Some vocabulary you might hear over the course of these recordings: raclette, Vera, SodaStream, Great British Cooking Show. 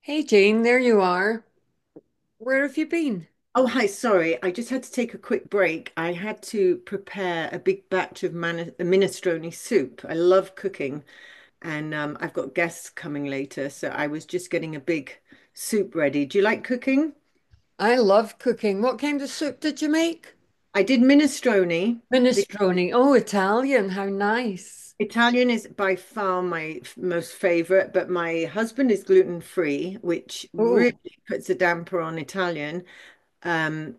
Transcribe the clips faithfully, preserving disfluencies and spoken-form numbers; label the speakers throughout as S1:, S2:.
S1: Hey Jane, there you are. Where have you been?
S2: Oh, hi, sorry. I just had to take a quick break. I had to prepare a big batch of man minestrone soup. I love cooking, and um, I've got guests coming later, so I was just getting a big soup ready. Do you like cooking?
S1: I love cooking. What kind of soup did you make?
S2: I did minestrone. be-
S1: Minestrone. Oh, Italian. How nice.
S2: Italian is by far my f- most favorite, but my husband is gluten free, which really
S1: Oh,
S2: puts a damper on Italian. Um,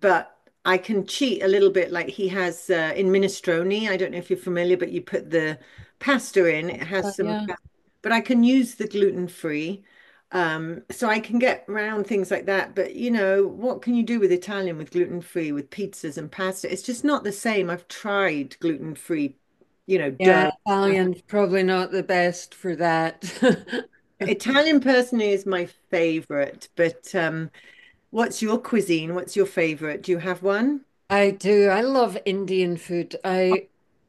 S2: but I can cheat a little bit. Like he has uh, in minestrone, I don't know if you're familiar, but you put the pasta in, it
S1: Uh,
S2: has some,
S1: yeah.
S2: but I can use the gluten free. Um, so I can get around things like that. But you know, what can you do with Italian with gluten free, with pizzas and pasta? It's just not the same. I've tried gluten free, you know,
S1: Yeah,
S2: dough.
S1: Italian's probably not the best for that.
S2: Italian personally is my favorite, but um, what's your cuisine? What's your favorite? Do you have one?
S1: I do. I love Indian food. I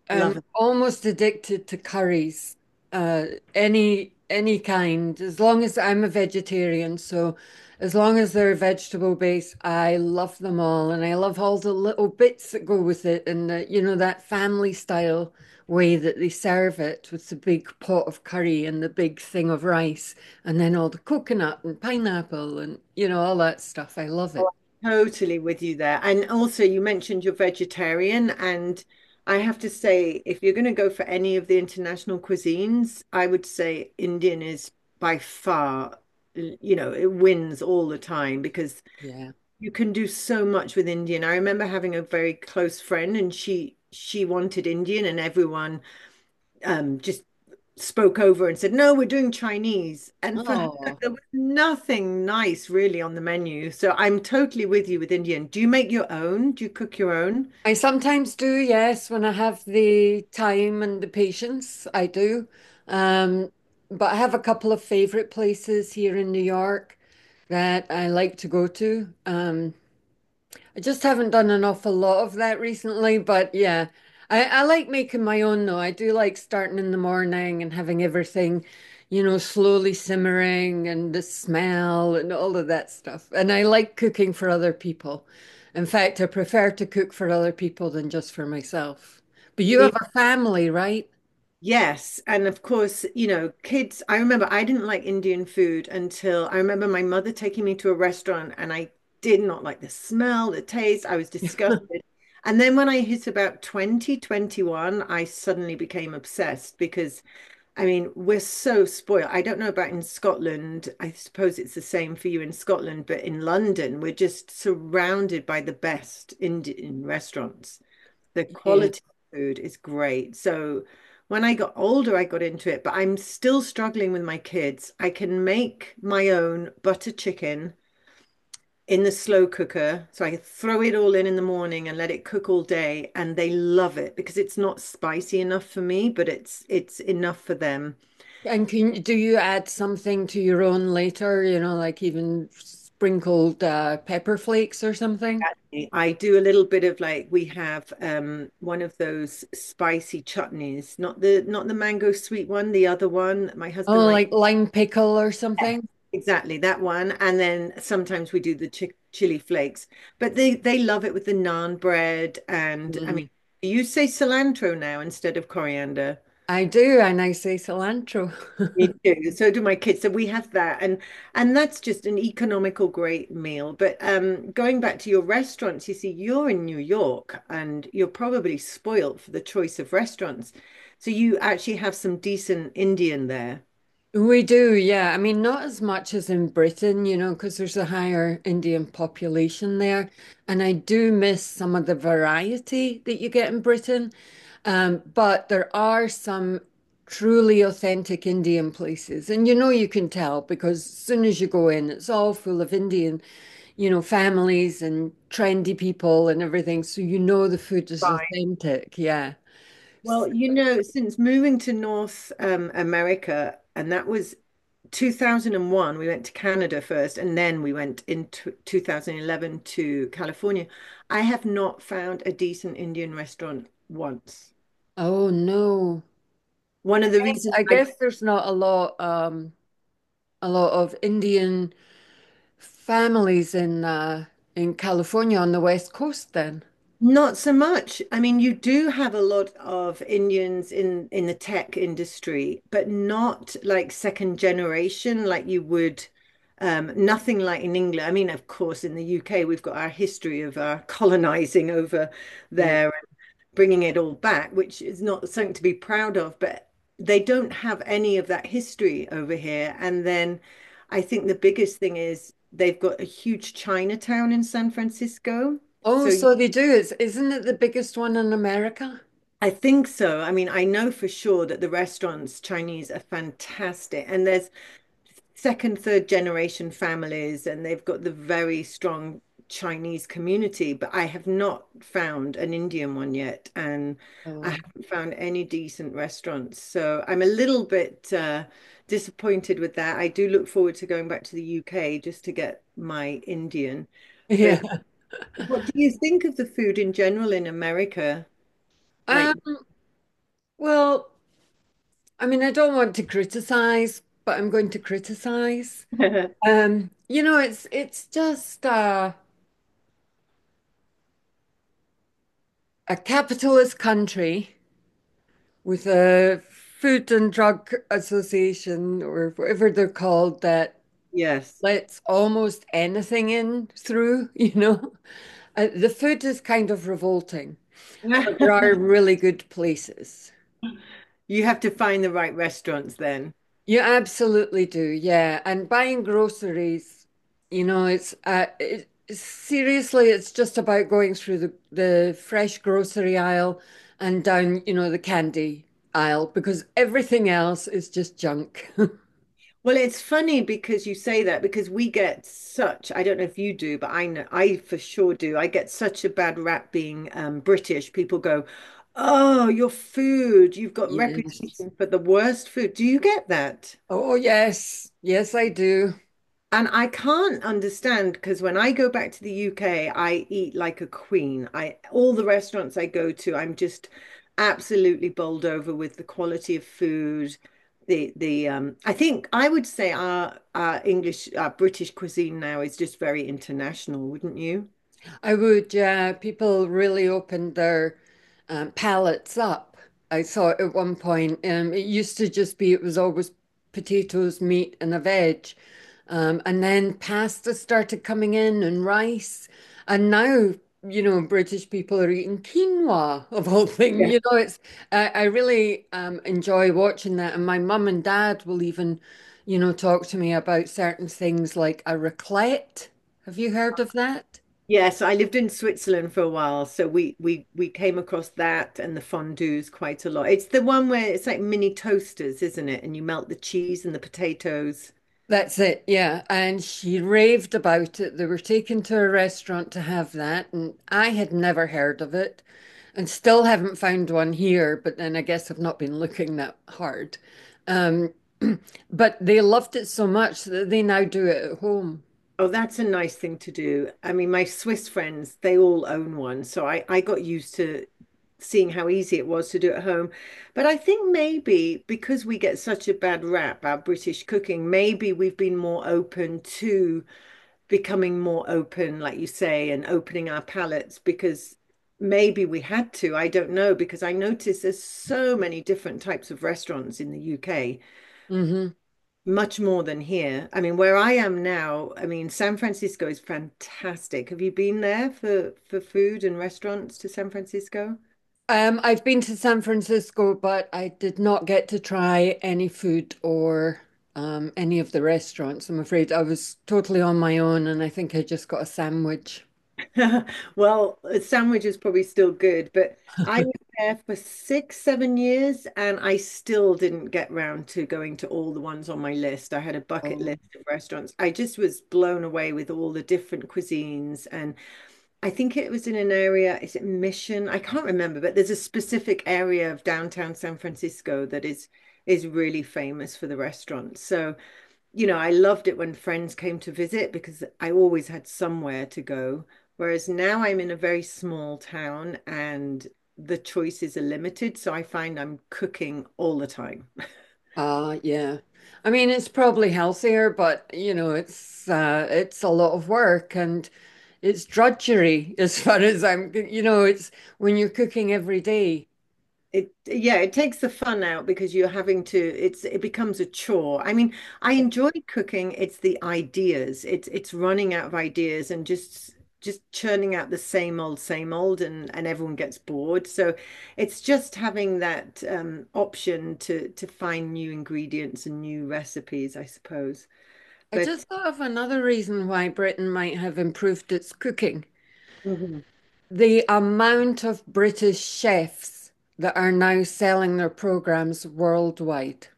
S1: am
S2: Love.
S1: almost addicted to curries, uh, any any kind. As long as I'm a vegetarian, so as long as they're vegetable based, I love them all, and I love all the little bits that go with it, and uh, you know that family style way that they serve it with the big pot of curry and the big thing of rice, and then all the coconut and pineapple and you know all that stuff. I love it.
S2: Totally with you there. And also, you mentioned you're vegetarian, and I have to say, if you're going to go for any of the international cuisines, I would say Indian is by far, you know, it wins all the time because
S1: Yeah.
S2: you can do so much with Indian. I remember having a very close friend, and she she wanted Indian, and everyone um, just spoke over and said, "No, we're doing Chinese." And for her,
S1: Oh.
S2: there was nothing nice really on the menu. So I'm totally with you with Indian. Do you make your own? Do you cook your own?
S1: I sometimes do, yes, when I have the time and the patience, I do. Um, but I have a couple of favorite places here in New York that I like to go to. Um, I just haven't done an awful lot of that recently, but yeah, I, I like making my own though. I do like starting in the morning and having everything, you know, slowly simmering and the smell and all of that stuff. And I like cooking for other people. In fact, I prefer to cook for other people than just for myself. But you have a family, right?
S2: Yes, and of course, you know, kids. I remember I didn't like Indian food until I remember my mother taking me to a restaurant, and I did not like the smell, the taste. I was disgusted. And then when I hit about twenty twenty-one, I suddenly became obsessed because I mean, we're so spoiled. I don't know about in Scotland. I suppose it's the same for you in Scotland, but in London, we're just surrounded by the best Indian restaurants. The
S1: Yeah.
S2: quality of food is great. So when I got older, I got into it, but I'm still struggling with my kids. I can make my own butter chicken in the slow cooker. So I throw it all in in the morning and let it cook all day, and they love it because it's not spicy enough for me, but it's it's enough for them.
S1: And can do you add something to your own later, you know, like even sprinkled uh, pepper flakes or something?
S2: I do a little bit of like we have um one of those spicy chutneys, not the not the mango sweet one, the other one. My husband
S1: Oh,
S2: likes
S1: like lime pickle or something?
S2: exactly that one. And then sometimes we do the chi chili flakes. But they they love it with the naan bread, and I mean
S1: Mm.
S2: you say cilantro now instead of coriander.
S1: I do, and I say cilantro.
S2: Me too. So do my kids. So we have that, and and that's just an economical great meal. But um, going back to your restaurants, you see, you're in New York, and you're probably spoilt for the choice of restaurants. So you actually have some decent Indian there.
S1: We do, yeah. I mean, not as much as in Britain, you know, because there's a higher Indian population there. And I do miss some of the variety that you get in Britain. Um, but there are some truly authentic Indian places. And you know, you can tell because as soon as you go in, it's all full of Indian, you know, families and trendy people and everything. So you know the food is
S2: Right.
S1: authentic. Yeah.
S2: Well,
S1: S-
S2: you know, since moving to North um, America, and that was two thousand one, we went to Canada first, and then we went in t two thousand eleven to California. I have not found a decent Indian restaurant once.
S1: Oh no.
S2: One of the
S1: Yes,
S2: reasons
S1: I
S2: I.
S1: guess there's not a lot, um a lot of Indian families in uh in California on the West Coast then.
S2: Not so much. I mean, you do have a lot of Indians in in the tech industry, but not like second generation like you would. Um, nothing like in England. I mean, of course, in the U K, we've got our history of our colonizing over
S1: Yeah.
S2: there bringing it all back, which is not something to be proud of, but they don't have any of that history over here. And then I think the biggest thing is they've got a huge Chinatown in San Francisco.
S1: Oh,
S2: So
S1: so they do. It's, isn't it the biggest one in America?
S2: I think so. I mean, I know for sure that the restaurants, Chinese, are fantastic. And there's second, third generation families, and they've got the very strong Chinese community, but I have not found an Indian one yet, and I
S1: Oh.
S2: haven't found any decent restaurants. So I'm a little bit uh, disappointed with that. I do look forward to going back to the U K just to get my Indian. But
S1: Yeah.
S2: what do you think of the food in general in America? Like,
S1: Um, well, I mean, I don't want to criticize, but I'm going to criticize. Um, you know, it's it's just uh a capitalist country with a Food and Drug Association or whatever they're called that
S2: yes.
S1: lets almost anything in through, you know. Uh, the food is kind of revolting, but there are really good places.
S2: You have to find the right restaurants then.
S1: You absolutely do, yeah. And buying groceries, you know, it's uh, it, seriously, it's just about going through the the fresh grocery aisle and down, you know, the candy aisle because everything else is just junk.
S2: Well, it's funny because you say that because we get such, I don't know if you do, but I know I for sure do. I get such a bad rap being um, British. People go, "Oh, your food, you've got
S1: Yes.
S2: reputation for the worst food." Do you get that?
S1: Oh, yes. Yes, I do.
S2: And I can't understand because when I go back to the U K, I eat like a queen. I, all the restaurants I go to, I'm just absolutely bowled over with the quality of food. The the um, I think I would say our our English our British cuisine now is just very international, wouldn't you?
S1: I would, yeah. People really opened their um, palates up. I saw it at one point. Um, it used to just be, It was always potatoes, meat, and a veg. Um, and then pasta started coming in and rice. And now, you know, British people are eating quinoa of all things. You know, it's, I, I really um, enjoy watching that. And my mum and dad will even, you know, talk to me about certain things like a raclette. Have you heard of that?
S2: Yes, I lived in Switzerland for a while, so we we we came across that and the fondues quite a lot. It's the one where it's like mini toasters, isn't it? And you melt the cheese and the potatoes.
S1: That's it, yeah. And she raved about it. They were taken to a restaurant to have that, and I had never heard of it and still haven't found one here, but then I guess I've not been looking that hard. Um, but they loved it so much that they now do it at home.
S2: Oh, that's a nice thing to do. I mean, my Swiss friends, they all own one, so I I got used to seeing how easy it was to do at home. But I think maybe because we get such a bad rap, our British cooking, maybe we've been more open to becoming more open, like you say, and opening our palettes because maybe we had to, I don't know, because I notice there's so many different types of restaurants in the U K,
S1: hmm
S2: much more than here. I mean, where I am now, I mean, San Francisco is fantastic. Have you been there for for food and restaurants to San Francisco?
S1: Um, I've been to San Francisco, but I did not get to try any food or um, any of the restaurants, I'm afraid. I was totally on my own, and I think I just got a sandwich.
S2: Well, a sandwich is probably still good, but I was there for six, seven years and I still didn't get round to going to all the ones on my list. I had a bucket
S1: Oh.
S2: list of restaurants. I just was blown away with all the different cuisines. And I think it was in an area, is it Mission? I can't remember, but there's a specific area of downtown San Francisco that is is really famous for the restaurants. So you know, I loved it when friends came to visit because I always had somewhere to go. Whereas now I'm in a very small town and the choices are limited. So I find I'm cooking all the time.
S1: Uh, yeah. I mean, it's probably healthier, but you know, it's uh, it's a lot of work and it's drudgery as far as I'm, you know, it's when you're cooking every day.
S2: It, yeah, it takes the fun out because you're having to, it's, it becomes a chore. I mean, I enjoy cooking. It's the ideas. It's, it's running out of ideas and just, just churning out the same old, same old, and and everyone gets bored. So, it's just having that um, option to to find new ingredients and new recipes, I suppose.
S1: I
S2: But
S1: just thought of another reason why Britain might have improved its cooking.
S2: Mhm.
S1: The amount of British chefs that are now selling their programs worldwide.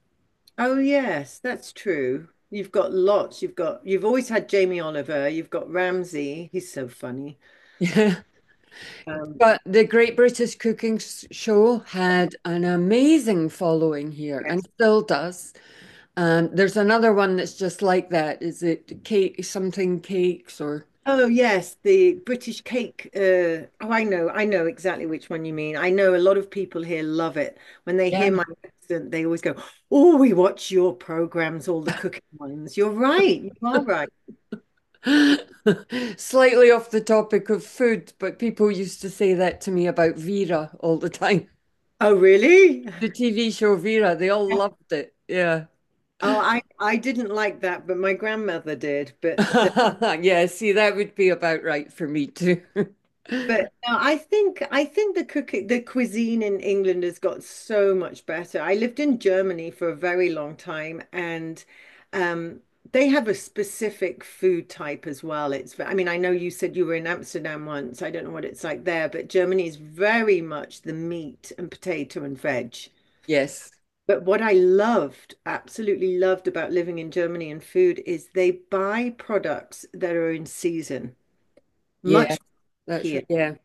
S2: Oh yes, that's true. You've got lots. You've got you've always had Jamie Oliver. You've got Ramsay. He's so funny.
S1: Yeah.
S2: Um,
S1: But the Great British Cooking S- Show had an amazing following here and
S2: Yes.
S1: still does. Um, there's another one that's just like that. Is it cake, something cakes or
S2: Oh, yes, the British cake. Uh, oh, I know, I know exactly which one you mean. I know a lot of people here love it. When they hear my
S1: yeah.
S2: accent, they always go, "Oh, we watch your programs, all the cooking ones." You're right. You are right.
S1: Slightly off the topic of food, but people used to say that to me about Vera all the time.
S2: Oh, really?
S1: The T V show Vera, they all loved it. Yeah.
S2: Oh, I I didn't like that, but my grandmother did. But uh,
S1: Yeah, see, that would be about right for me too.
S2: but no, I think I think the cook the cuisine in England has got so much better. I lived in Germany for a very long time, and um, they have a specific food type as well. It's ve- I mean I know you said you were in Amsterdam once. I don't know what it's like there, but Germany is very much the meat and potato and veg.
S1: Yes.
S2: But what I loved, absolutely loved about living in Germany and food is they buy products that are in season,
S1: Yeah,
S2: much
S1: that's
S2: here.
S1: right. Yeah.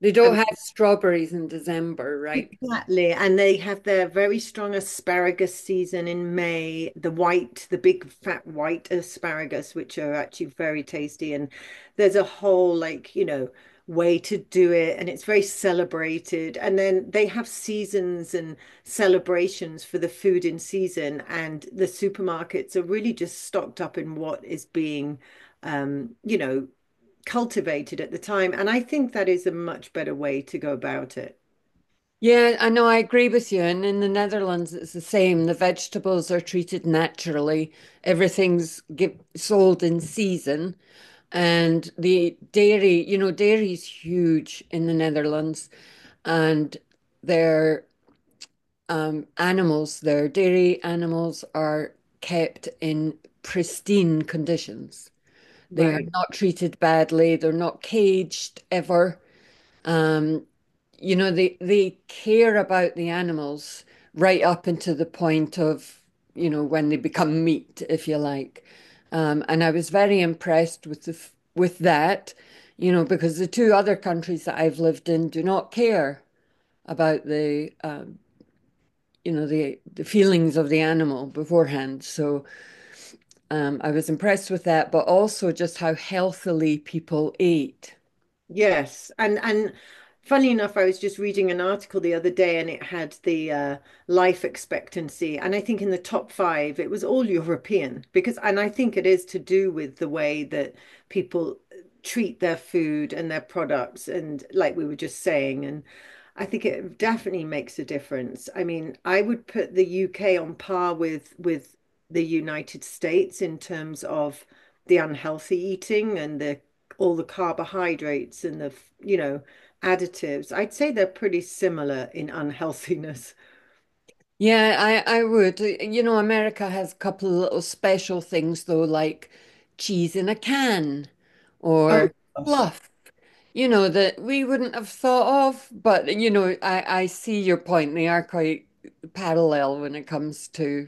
S1: They don't have strawberries in December, right?
S2: Exactly. And they have their very strong asparagus season in May, the white, the big fat white asparagus, which are actually very tasty. And there's a whole, like, you know, way to do it. And it's very celebrated. And then they have seasons and celebrations for the food in season. And the supermarkets are really just stocked up in what is being, um, you know, cultivated at the time. And I think that is a much better way to go about it.
S1: Yeah, I know, I agree with you. And in the Netherlands, it's the same. The vegetables are treated naturally. Everything's give, sold in season. And the dairy, you know, dairy is huge in the Netherlands. And their um, animals, their dairy animals are kept in pristine conditions. They are
S2: Right.
S1: not treated badly. They're not caged ever. Um, you know, they they care about the animals right up into the point of, you know, when they become meat, if you like. Um, and I was very impressed with the, with that, you know, because the two other countries that I've lived in do not care about the, um, you know, the, the feelings of the animal beforehand. So um, I was impressed with that, but also just how healthily people ate.
S2: Yes, and and funny enough, I was just reading an article the other day, and it had the uh, life expectancy, and I think in the top five, it was all European because, and I think it is to do with the way that people treat their food and their products, and like we were just saying, and I think it definitely makes a difference. I mean, I would put the U K on par with with the United States in terms of the unhealthy eating and the all the carbohydrates and the, you know, additives. I'd say they're pretty similar in unhealthiness.
S1: Yeah, I, I would. You know, America has a couple of little special things though, like cheese in a can
S2: Oh
S1: or
S2: gosh,
S1: fluff, you know, that we wouldn't have thought of. But, you know, I, I see your point. They are quite parallel when it comes to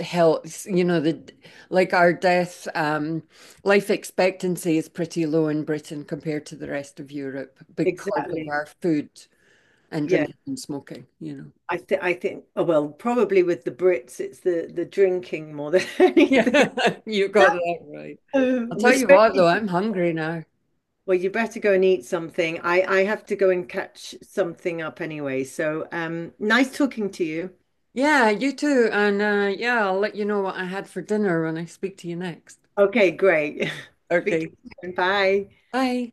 S1: health. You know, the like our death, um, life expectancy is pretty low in Britain compared to the rest of Europe because of
S2: exactly.
S1: our food and
S2: Yeah.
S1: drinking and smoking, you know.
S2: I think I think oh well, probably with the Brits it's the the drinking more than anything.
S1: Yeah, you
S2: No,
S1: got that right. I'll
S2: and
S1: tell you what, though,
S2: especially
S1: I'm hungry now.
S2: well, you better go and eat something. I I have to go and catch something up anyway. So um nice talking to you.
S1: Yeah, you too. And uh, yeah, I'll let you know what I had for dinner when I speak to you next.
S2: Okay, great. Speak to
S1: Okay.
S2: you soon. Bye.
S1: Bye.